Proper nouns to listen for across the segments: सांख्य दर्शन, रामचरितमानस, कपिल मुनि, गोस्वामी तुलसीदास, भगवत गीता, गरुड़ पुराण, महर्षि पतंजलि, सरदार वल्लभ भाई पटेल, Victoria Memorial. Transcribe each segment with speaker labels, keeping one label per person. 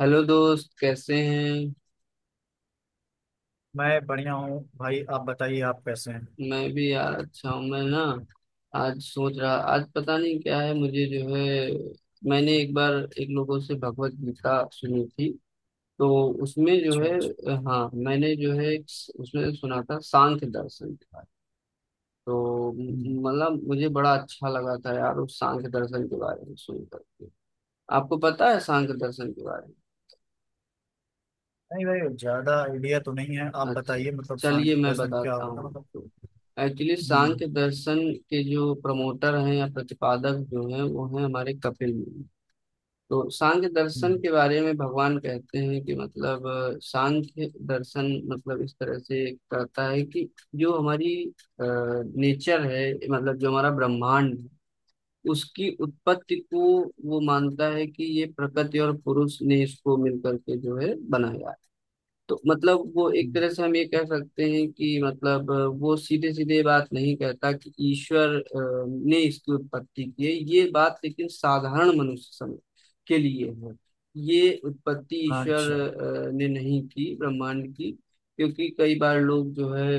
Speaker 1: Hello दोस्त कैसे हैं।
Speaker 2: मैं बढ़िया हूँ भाई। आप बताइए, आप कैसे हैं?
Speaker 1: मैं भी यार अच्छा हूँ। मैं ना आज सोच रहा, आज पता नहीं क्या है, मुझे जो है मैंने एक बार एक लोगों से भगवत गीता सुनी थी, तो उसमें जो
Speaker 2: अच्छा,
Speaker 1: है
Speaker 2: अच्छा।
Speaker 1: हाँ मैंने जो है एक उसमें सुना था सांख्य दर्शन के बारे में। तो
Speaker 2: हम्म।
Speaker 1: मतलब मुझे बड़ा अच्छा लगा था यार उस सांख्य दर्शन के बारे में सुनकर के। आपको पता है सांख्य दर्शन के बारे में?
Speaker 2: नहीं भाई, ज्यादा आइडिया तो नहीं है। आप
Speaker 1: अच्छा,
Speaker 2: बताइए मतलब शांत
Speaker 1: चलिए मैं
Speaker 2: फैशन क्या
Speaker 1: बताता
Speaker 2: होगा
Speaker 1: हूँ
Speaker 2: मतलब।
Speaker 1: आपको। एक्चुअली
Speaker 2: हम्म।
Speaker 1: सांख्य दर्शन के जो प्रमोटर हैं या प्रतिपादक जो हैं वो हैं हमारे कपिल मुनि। तो सांख्य दर्शन
Speaker 2: हम्म।
Speaker 1: के बारे में भगवान कहते हैं कि मतलब सांख्य दर्शन मतलब इस तरह से कहता है कि जो हमारी नेचर है, मतलब जो हमारा ब्रह्मांड है, उसकी उत्पत्ति को वो मानता है कि ये प्रकृति और पुरुष ने इसको मिलकर के जो है बनाया है। तो मतलब वो एक
Speaker 2: हम्म।
Speaker 1: तरह से हम ये कह सकते हैं कि मतलब वो सीधे सीधे बात नहीं कहता कि ईश्वर ने इसकी उत्पत्ति की है ये बात, लेकिन साधारण मनुष्य के लिए है ये उत्पत्ति ईश्वर
Speaker 2: अच्छा।
Speaker 1: ने नहीं की ब्रह्मांड की। क्योंकि कई बार लोग जो है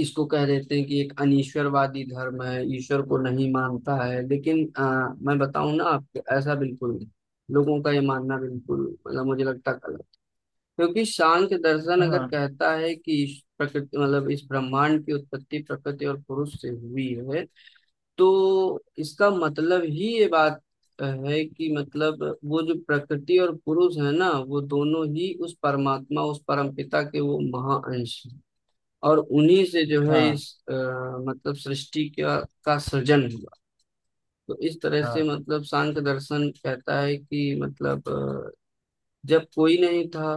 Speaker 1: इसको कह देते हैं कि एक अनीश्वरवादी धर्म है, ईश्वर को नहीं मानता है, लेकिन मैं बताऊं ना आपको ऐसा बिल्कुल नहीं। लोगों का ये मानना बिल्कुल मतलब मुझे लगता है गलत। क्योंकि सांख्य दर्शन अगर
Speaker 2: हाँ।
Speaker 1: कहता है कि इस प्रकृति मतलब इस ब्रह्मांड की उत्पत्ति प्रकृति और पुरुष से हुई है, तो इसका मतलब ही ये बात है कि मतलब वो जो प्रकृति और पुरुष है ना, वो दोनों ही उस परमात्मा उस परमपिता के वो महाअंश हैं। और उन्हीं से जो है
Speaker 2: हाँ।
Speaker 1: इस आ, मतलब सृष्टि का सृजन हुआ। तो इस तरह से
Speaker 2: हाँ।
Speaker 1: मतलब सांख्य दर्शन कहता है कि मतलब जब कोई नहीं था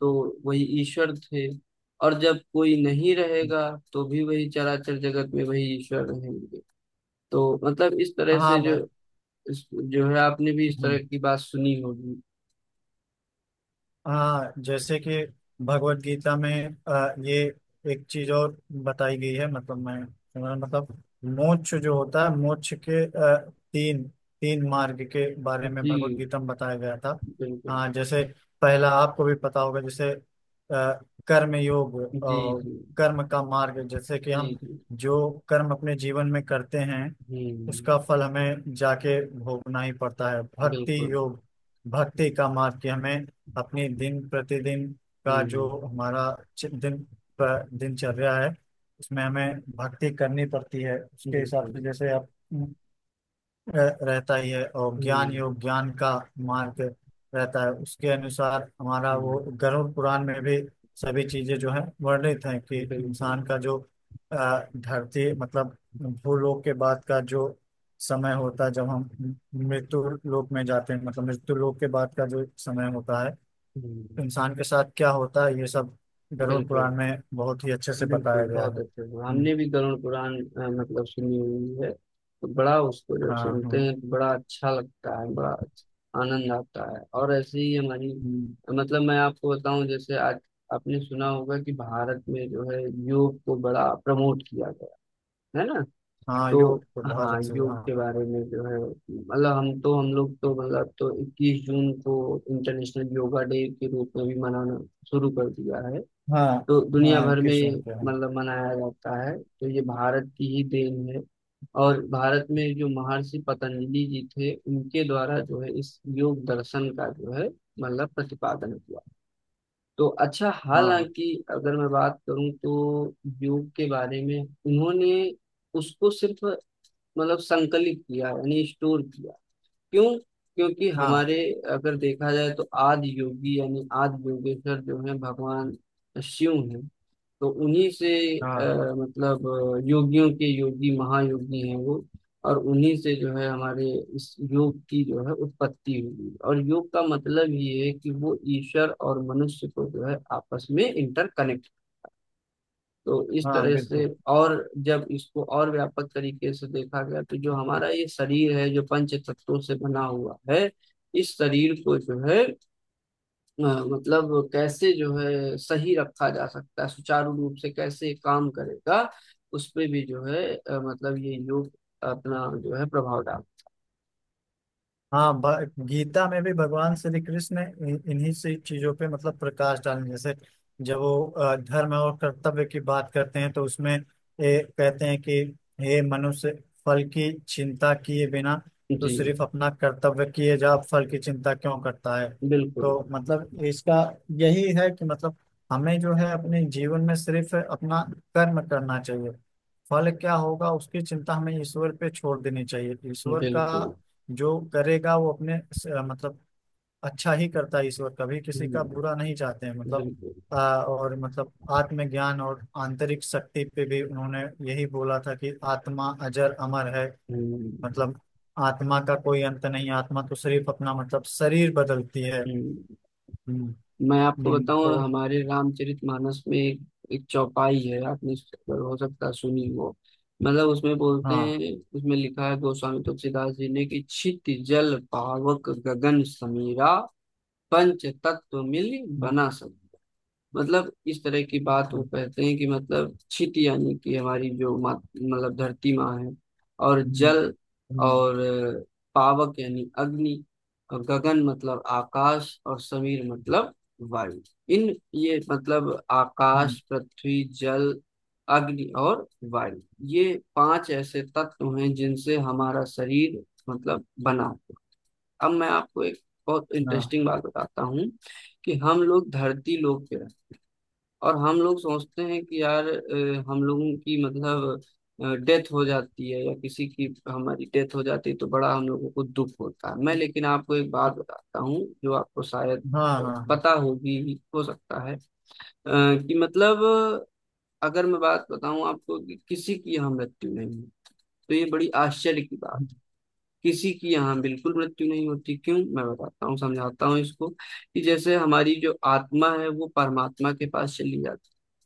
Speaker 1: तो वही ईश्वर थे, और जब कोई नहीं रहेगा तो भी वही चराचर जगत में वही ईश्वर रहेंगे। तो मतलब इस तरह
Speaker 2: हाँ
Speaker 1: से
Speaker 2: भाई।
Speaker 1: जो इस- जो है आपने भी इस तरह
Speaker 2: हम्म।
Speaker 1: की बात सुनी होगी।
Speaker 2: हाँ, जैसे कि भगवत गीता में ये एक चीज और बताई गई है। मतलब मतलब मोक्ष जो होता है, मोक्ष के तीन तीन मार्ग के बारे में भगवत
Speaker 1: जी
Speaker 2: गीता में बताया गया था।
Speaker 1: बिल्कुल।
Speaker 2: हाँ जैसे पहला आपको भी पता होगा, जैसे आ, कर्म योग।
Speaker 1: जी
Speaker 2: और
Speaker 1: जी।
Speaker 2: कर्म का मार्ग जैसे कि
Speaker 1: जी
Speaker 2: हम
Speaker 1: जी।
Speaker 2: जो कर्म अपने जीवन में करते हैं
Speaker 1: हम्म।
Speaker 2: उसका फल हमें जाके भोगना ही पड़ता है। भक्ति
Speaker 1: बिल्कुल।
Speaker 2: योग, भक्ति का मार्ग कि हमें अपनी दिन प्रतिदिन का जो
Speaker 1: हम्म।
Speaker 2: हमारा चि- दिन दिनचर्या है उसमें हमें भक्ति करनी पड़ती है उसके हिसाब
Speaker 1: बिल्कुल।
Speaker 2: से जैसे आप रहता ही है। और ज्ञान
Speaker 1: हम्म।
Speaker 2: योग, ज्ञान का मार्ग रहता है उसके अनुसार। हमारा वो
Speaker 1: हम्म।
Speaker 2: गरुड़ पुराण में भी सभी चीजें जो है वर्णित हैं कि
Speaker 1: बिल्कुल।
Speaker 2: इंसान का जो अ, धरती मतलब भूलोक के बाद का जो समय होता है, जब हम मृत्यु लोक में जाते हैं मतलब मृत्यु लोक के बाद का जो समय होता है,
Speaker 1: हम्म।
Speaker 2: इंसान के साथ क्या होता है ये सब गरुड़
Speaker 1: बिल्कुल।
Speaker 2: पुराण में बहुत ही अच्छे से
Speaker 1: बिल्कुल,
Speaker 2: बताया गया है।
Speaker 1: बहुत अच्छे से।
Speaker 2: हम्म।
Speaker 1: हमने भी गरुड़ पुराण मतलब सुनी हुई है, तो बड़ा उसको जब
Speaker 2: हाँ।
Speaker 1: सुनते
Speaker 2: हम्म।
Speaker 1: हैं तो बड़ा अच्छा लगता है, बड़ा आनंद आता है। और ऐसे ही हमारी
Speaker 2: हम्म।
Speaker 1: मतलब मैं आपको बताऊं जैसे आज आपने सुना होगा कि भारत में जो है योग को बड़ा प्रमोट किया गया है ना।
Speaker 2: हाँ,
Speaker 1: तो
Speaker 2: योग तो बहुत
Speaker 1: हाँ
Speaker 2: अच्छे।
Speaker 1: योग
Speaker 2: हाँ।
Speaker 1: के बारे में जो है मतलब हम तो हम लोग तो मतलब तो 21 जून को इंटरनेशनल योगा डे के रूप में भी मनाना शुरू कर दिया है,
Speaker 2: हाँ।
Speaker 1: तो दुनिया
Speaker 2: हाँ,
Speaker 1: भर
Speaker 2: इक्कीस
Speaker 1: में
Speaker 2: जून पे हम।
Speaker 1: मतलब मनाया जाता है, तो ये भारत की ही देन है। और भारत में जो महर्षि पतंजलि जी थे उनके द्वारा जो है इस योग दर्शन का जो है मतलब प्रतिपादन किया। तो अच्छा,
Speaker 2: हाँ।
Speaker 1: हालांकि अगर मैं बात करूं तो योग के बारे में उन्होंने उसको सिर्फ मतलब संकलित किया यानी स्टोर किया। क्यों? क्योंकि
Speaker 2: हाँ।
Speaker 1: हमारे अगर देखा जाए तो आदि योगी यानी आदि योगेश्वर जो है भगवान शिव हैं। तो उन्हीं से
Speaker 2: हाँ।
Speaker 1: अ, मतलब योगियों के योगी महायोगी हैं वो, और उन्हीं से जो है हमारे इस योग की जो है उत्पत्ति हुई। और योग का मतलब ये है कि वो ईश्वर और मनुष्य को जो है आपस में इंटरकनेक्ट। तो इस
Speaker 2: हाँ
Speaker 1: तरह से,
Speaker 2: बिल्कुल।
Speaker 1: और जब इसको और व्यापक तरीके से देखा गया तो जो हमारा ये शरीर है जो पंच तत्वों से बना हुआ है, इस शरीर को जो है अ, मतलब कैसे जो है सही रखा जा सकता है, सुचारू रूप से कैसे काम करेगा, उस पे भी जो है मतलब ये योग अपना जो है प्रभाव डाल।
Speaker 2: हाँ, गीता में भी भगवान श्री कृष्ण ने इन्हीं से चीजों पे मतलब प्रकाश डालने जैसे, जब वो धर्म और कर्तव्य की बात करते हैं तो उसमें कहते हैं कि हे मनुष्य, फल की चिंता किए बिना तो
Speaker 1: जी
Speaker 2: सिर्फ अपना कर्तव्य किए जा, फल की चिंता क्यों करता है।
Speaker 1: बिल्कुल।
Speaker 2: तो मतलब इसका यही है कि मतलब हमें जो है अपने जीवन में सिर्फ अपना कर्म करना चाहिए। फल क्या होगा उसकी चिंता हमें ईश्वर पे छोड़ देनी चाहिए। ईश्वर का
Speaker 1: बिल्कुल।
Speaker 2: जो करेगा वो अपने मतलब अच्छा ही करता है। ईश्वर कभी किसी का
Speaker 1: हम्म,
Speaker 2: बुरा नहीं चाहते हैं मतलब।
Speaker 1: बिल्कुल।
Speaker 2: और मतलब आत्मज्ञान और आंतरिक शक्ति पे भी उन्होंने यही बोला था कि आत्मा अजर अमर है।
Speaker 1: हम्म।
Speaker 2: मतलब आत्मा का कोई अंत नहीं, आत्मा तो सिर्फ अपना मतलब शरीर बदलती है।
Speaker 1: हम्म।
Speaker 2: हम्म।
Speaker 1: मैं आपको बताऊं
Speaker 2: तो।
Speaker 1: हमारे रामचरितमानस में एक, एक चौपाई है, आपने इस पर हो सकता है सुनी हो। मतलब उसमें बोलते
Speaker 2: हाँ।
Speaker 1: हैं, उसमें लिखा है गोस्वामी तुलसीदास जी ने कि छित जल पावक गगन समीरा पंच तत्व मिल
Speaker 2: हम्म।
Speaker 1: बना सब। मतलब इस तरह की बात वो
Speaker 2: हम्म।
Speaker 1: कहते हैं कि मतलब छित यानी कि हमारी जो मतलब धरती माँ है, और
Speaker 2: हम्म।
Speaker 1: जल,
Speaker 2: हम्म।
Speaker 1: और पावक यानी अग्नि, और गगन मतलब आकाश, और समीर मतलब वायु। इन ये मतलब
Speaker 2: हम्म।
Speaker 1: आकाश, पृथ्वी, जल, अग्नि और वायु, ये पांच ऐसे तत्व हैं जिनसे हमारा शरीर मतलब बना है। अब मैं आपको एक बहुत
Speaker 2: हाँ।
Speaker 1: इंटरेस्टिंग बात बताता हूँ कि हम लोग धरती लोग पे हैं और हम लोग सोचते हैं कि यार हम लोगों की मतलब डेथ हो जाती है या किसी की हमारी डेथ हो जाती है तो बड़ा हम लोगों को दुख होता है। मैं लेकिन आपको एक बात बताता हूँ जो आपको शायद
Speaker 2: हाँ। हाँ।
Speaker 1: पता होगी हो सकता है, अ, कि मतलब अगर मैं बात बताऊं आपको कि किसी की यहाँ मृत्यु नहीं है, तो ये बड़ी आश्चर्य की बात। किसी की यहाँ बिल्कुल मृत्यु नहीं होती। क्यों? मैं बताता हूँ, समझाता हूँ इसको कि जैसे हमारी जो आत्मा है वो परमात्मा के पास चली जाती है,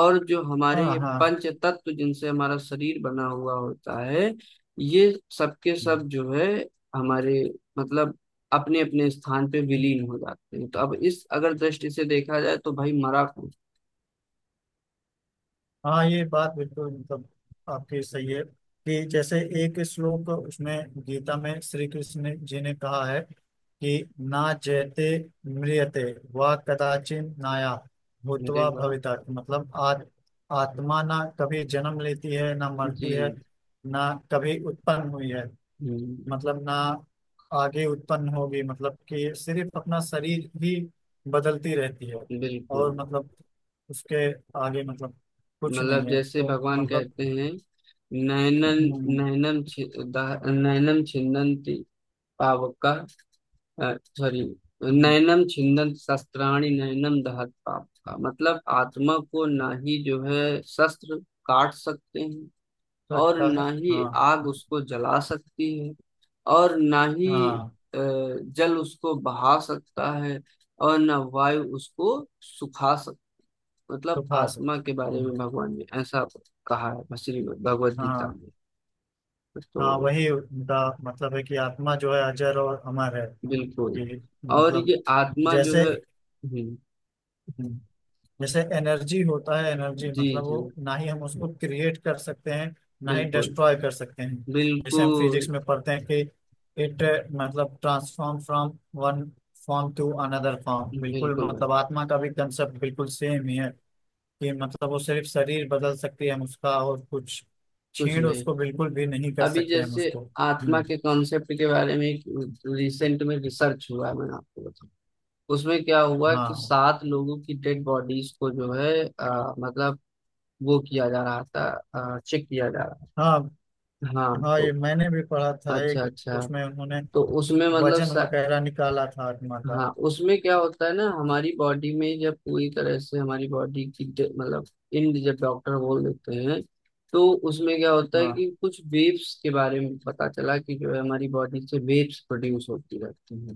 Speaker 1: और जो हमारे
Speaker 2: हाँ।
Speaker 1: ये
Speaker 2: हाँ।
Speaker 1: पंच तत्व जिनसे हमारा शरीर बना हुआ होता है ये सबके सब
Speaker 2: हाँ।
Speaker 1: जो है हमारे मतलब अपने अपने स्थान पे विलीन हो जाते हैं। तो अब इस अगर दृष्टि से देखा जाए तो भाई मरा कौन?
Speaker 2: हाँ, ये बात बिल्कुल मतलब आपकी सही है। कि जैसे एक श्लोक उसमें गीता में श्री कृष्ण जी ने कहा है कि ना जयते म्रियते वा कदाचिन नाया
Speaker 1: मेरे
Speaker 2: भूतवा
Speaker 1: वाह।
Speaker 2: भविता, मतलब आत्मा ना कभी जन्म लेती है ना मरती है,
Speaker 1: जी।
Speaker 2: ना कभी उत्पन्न हुई है,
Speaker 1: हम्म।
Speaker 2: मतलब ना आगे उत्पन्न होगी, मतलब कि सिर्फ अपना शरीर ही बदलती रहती है।
Speaker 1: बिल्कुल।
Speaker 2: और मतलब उसके आगे मतलब कुछ
Speaker 1: मतलब
Speaker 2: नहीं है
Speaker 1: जैसे
Speaker 2: तो
Speaker 1: भगवान
Speaker 2: मतलब।
Speaker 1: कहते हैं नैनन
Speaker 2: हम्म।
Speaker 1: नैनम छि- नैनम छिन्दन्ति पावका, सॉरी,
Speaker 2: हम्म,
Speaker 1: नैनम छिन्दन्ति शस्त्राणि नैनम दहत पावका। मतलब आत्मा को ना ही जो है शस्त्र काट सकते हैं, और
Speaker 2: लगता है।
Speaker 1: ना ही
Speaker 2: हाँ।
Speaker 1: आग उसको जला सकती है, और ना ही
Speaker 2: हाँ
Speaker 1: जल उसको बहा सकता है, और ना वायु उसको सुखा। मतलब
Speaker 2: तो खास है।
Speaker 1: आत्मा के बारे में
Speaker 2: हम्म।
Speaker 1: भगवान ने ऐसा कहा है श्री भगवत गीता
Speaker 2: हाँ।
Speaker 1: में।
Speaker 2: हाँ
Speaker 1: तो
Speaker 2: वही उनका मतलब है कि आत्मा जो है अजर और अमर है।
Speaker 1: बिल्कुल।
Speaker 2: कि
Speaker 1: और
Speaker 2: मतलब
Speaker 1: ये आत्मा जो
Speaker 2: जैसे।
Speaker 1: है।
Speaker 2: हम्म। जैसे एनर्जी होता है, एनर्जी
Speaker 1: जी
Speaker 2: मतलब
Speaker 1: जी।
Speaker 2: वो ना ही हम उसको क्रिएट कर सकते हैं ना ही
Speaker 1: बिल्कुल।
Speaker 2: डिस्ट्रॉय कर सकते हैं। जैसे हम
Speaker 1: बिल्कुल।
Speaker 2: फिजिक्स में पढ़ते हैं कि इट मतलब transform from one form to another form. बिल्कुल,
Speaker 1: बिल्कुल
Speaker 2: मतलब
Speaker 1: भाई
Speaker 2: आत्मा का भी कंसेप्ट बिल्कुल सेम ही है। कि मतलब वो सिर्फ शरीर बदल सकती है, हम उसका और कुछ
Speaker 1: कुछ
Speaker 2: छीण
Speaker 1: नहीं।
Speaker 2: उसको बिल्कुल भी नहीं कर
Speaker 1: अभी
Speaker 2: सकते हम
Speaker 1: जैसे
Speaker 2: उसको।
Speaker 1: आत्मा
Speaker 2: हम्म।
Speaker 1: के कॉन्सेप्ट के बारे में रिसेंट में रिसर्च हुआ है, मैंने आपको बताया, उसमें क्या हुआ कि
Speaker 2: हाँ।
Speaker 1: सात लोगों की डेड बॉडीज को जो है मतलब वो किया जा रहा था, चेक किया जा रहा
Speaker 2: हाँ।
Speaker 1: था, हाँ।
Speaker 2: हाँ
Speaker 1: तो
Speaker 2: ये मैंने भी पढ़ा था
Speaker 1: अच्छा
Speaker 2: एक।
Speaker 1: अच्छा,
Speaker 2: उसमें उन्होंने
Speaker 1: तो उसमें मतलब
Speaker 2: वजन वगैरह निकाला था आत्मा का।
Speaker 1: हाँ उसमें क्या होता है ना, हमारी बॉडी में जब पूरी तरह से हमारी बॉडी की मतलब इंड जब डॉक्टर बोल देते हैं, तो उसमें क्या होता है
Speaker 2: हाँ।
Speaker 1: कि कुछ वेव्स के बारे में पता चला कि जो है हमारी बॉडी से वेव्स प्रोड्यूस होती रहती हैं।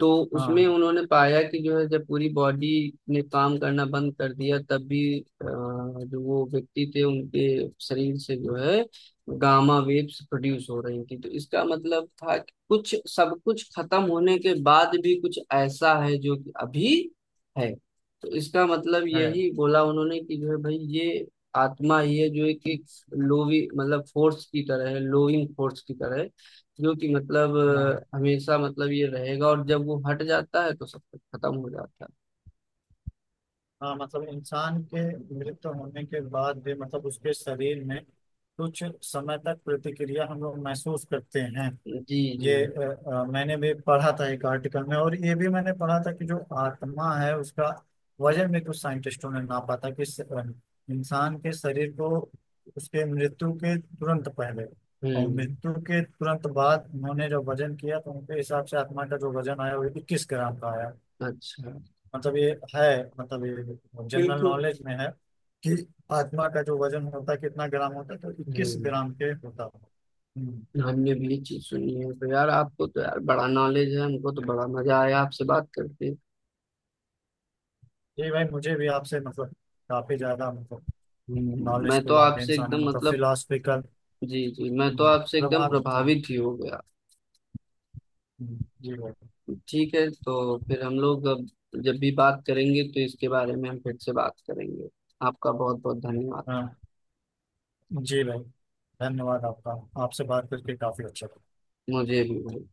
Speaker 1: तो उसमें
Speaker 2: हाँ
Speaker 1: उन्होंने पाया कि जो है जब पूरी बॉडी ने काम करना बंद कर दिया तब भी जो वो व्यक्ति थे उनके शरीर से जो है गामा वेव्स प्रोड्यूस हो रही थी। तो इसका मतलब था कि कुछ सब कुछ खत्म होने के बाद भी कुछ ऐसा है जो कि अभी है। तो इसका मतलब
Speaker 2: है।
Speaker 1: यही बोला उन्होंने कि जो है भाई ये आत्मा ये जो है कि लोवी मतलब फोर्स की तरह है, लोइंग फोर्स की तरह है, जो कि मतलब
Speaker 2: हाँ।
Speaker 1: हमेशा मतलब ये रहेगा, और जब वो हट जाता है तो सब कुछ खत्म हो जाता
Speaker 2: हाँ, मतलब इंसान के मृत्यु होने के बाद भी मतलब उसके शरीर में कुछ समय तक प्रतिक्रिया हम लोग महसूस करते हैं।
Speaker 1: है। जी जी।
Speaker 2: ये मैंने भी पढ़ा था एक आर्टिकल में, और ये भी मैंने पढ़ा था कि जो आत्मा है उसका वजन भी कुछ साइंटिस्टों ने नापा था कि इंसान के शरीर को उसके मृत्यु के तुरंत पहले और
Speaker 1: हम्म।
Speaker 2: मृत्यु के तुरंत बाद उन्होंने जो वजन किया तो उनके हिसाब से आत्मा का जो वजन आया वो 21 ग्राम का आया।
Speaker 1: अच्छा।
Speaker 2: मतलब ये है, मतलब ये जनरल
Speaker 1: बिल्कुल।
Speaker 2: नॉलेज में है कि आत्मा का जो वजन होता है कितना ग्राम होता है तो इक्कीस
Speaker 1: हम्म।
Speaker 2: ग्राम के होता है। हम्म।
Speaker 1: हमने भी ये चीज सुनी है। तो यार आपको तो यार बड़ा नॉलेज है, हमको तो बड़ा मजा आया आपसे बात करके।
Speaker 2: ये भाई मुझे भी आपसे मतलब काफी ज्यादा मतलब
Speaker 1: मैं तो
Speaker 2: नॉलेजफुल आप
Speaker 1: आपसे
Speaker 2: इंसान है,
Speaker 1: एकदम
Speaker 2: मतलब
Speaker 1: मतलब
Speaker 2: फिलोसफिकल
Speaker 1: जी जी मैं तो आपसे एकदम
Speaker 2: प्रभावित हूँ।
Speaker 1: प्रभावित ही हो गया।
Speaker 2: जी भाई।
Speaker 1: ठीक है तो फिर हम लोग अब जब भी बात करेंगे तो इसके बारे में हम फिर से बात करेंगे। आपका बहुत बहुत धन्यवाद।
Speaker 2: हाँ जी भाई, धन्यवाद आपका। आपसे बात करके काफी अच्छा लगा।
Speaker 1: मुझे भी भाई।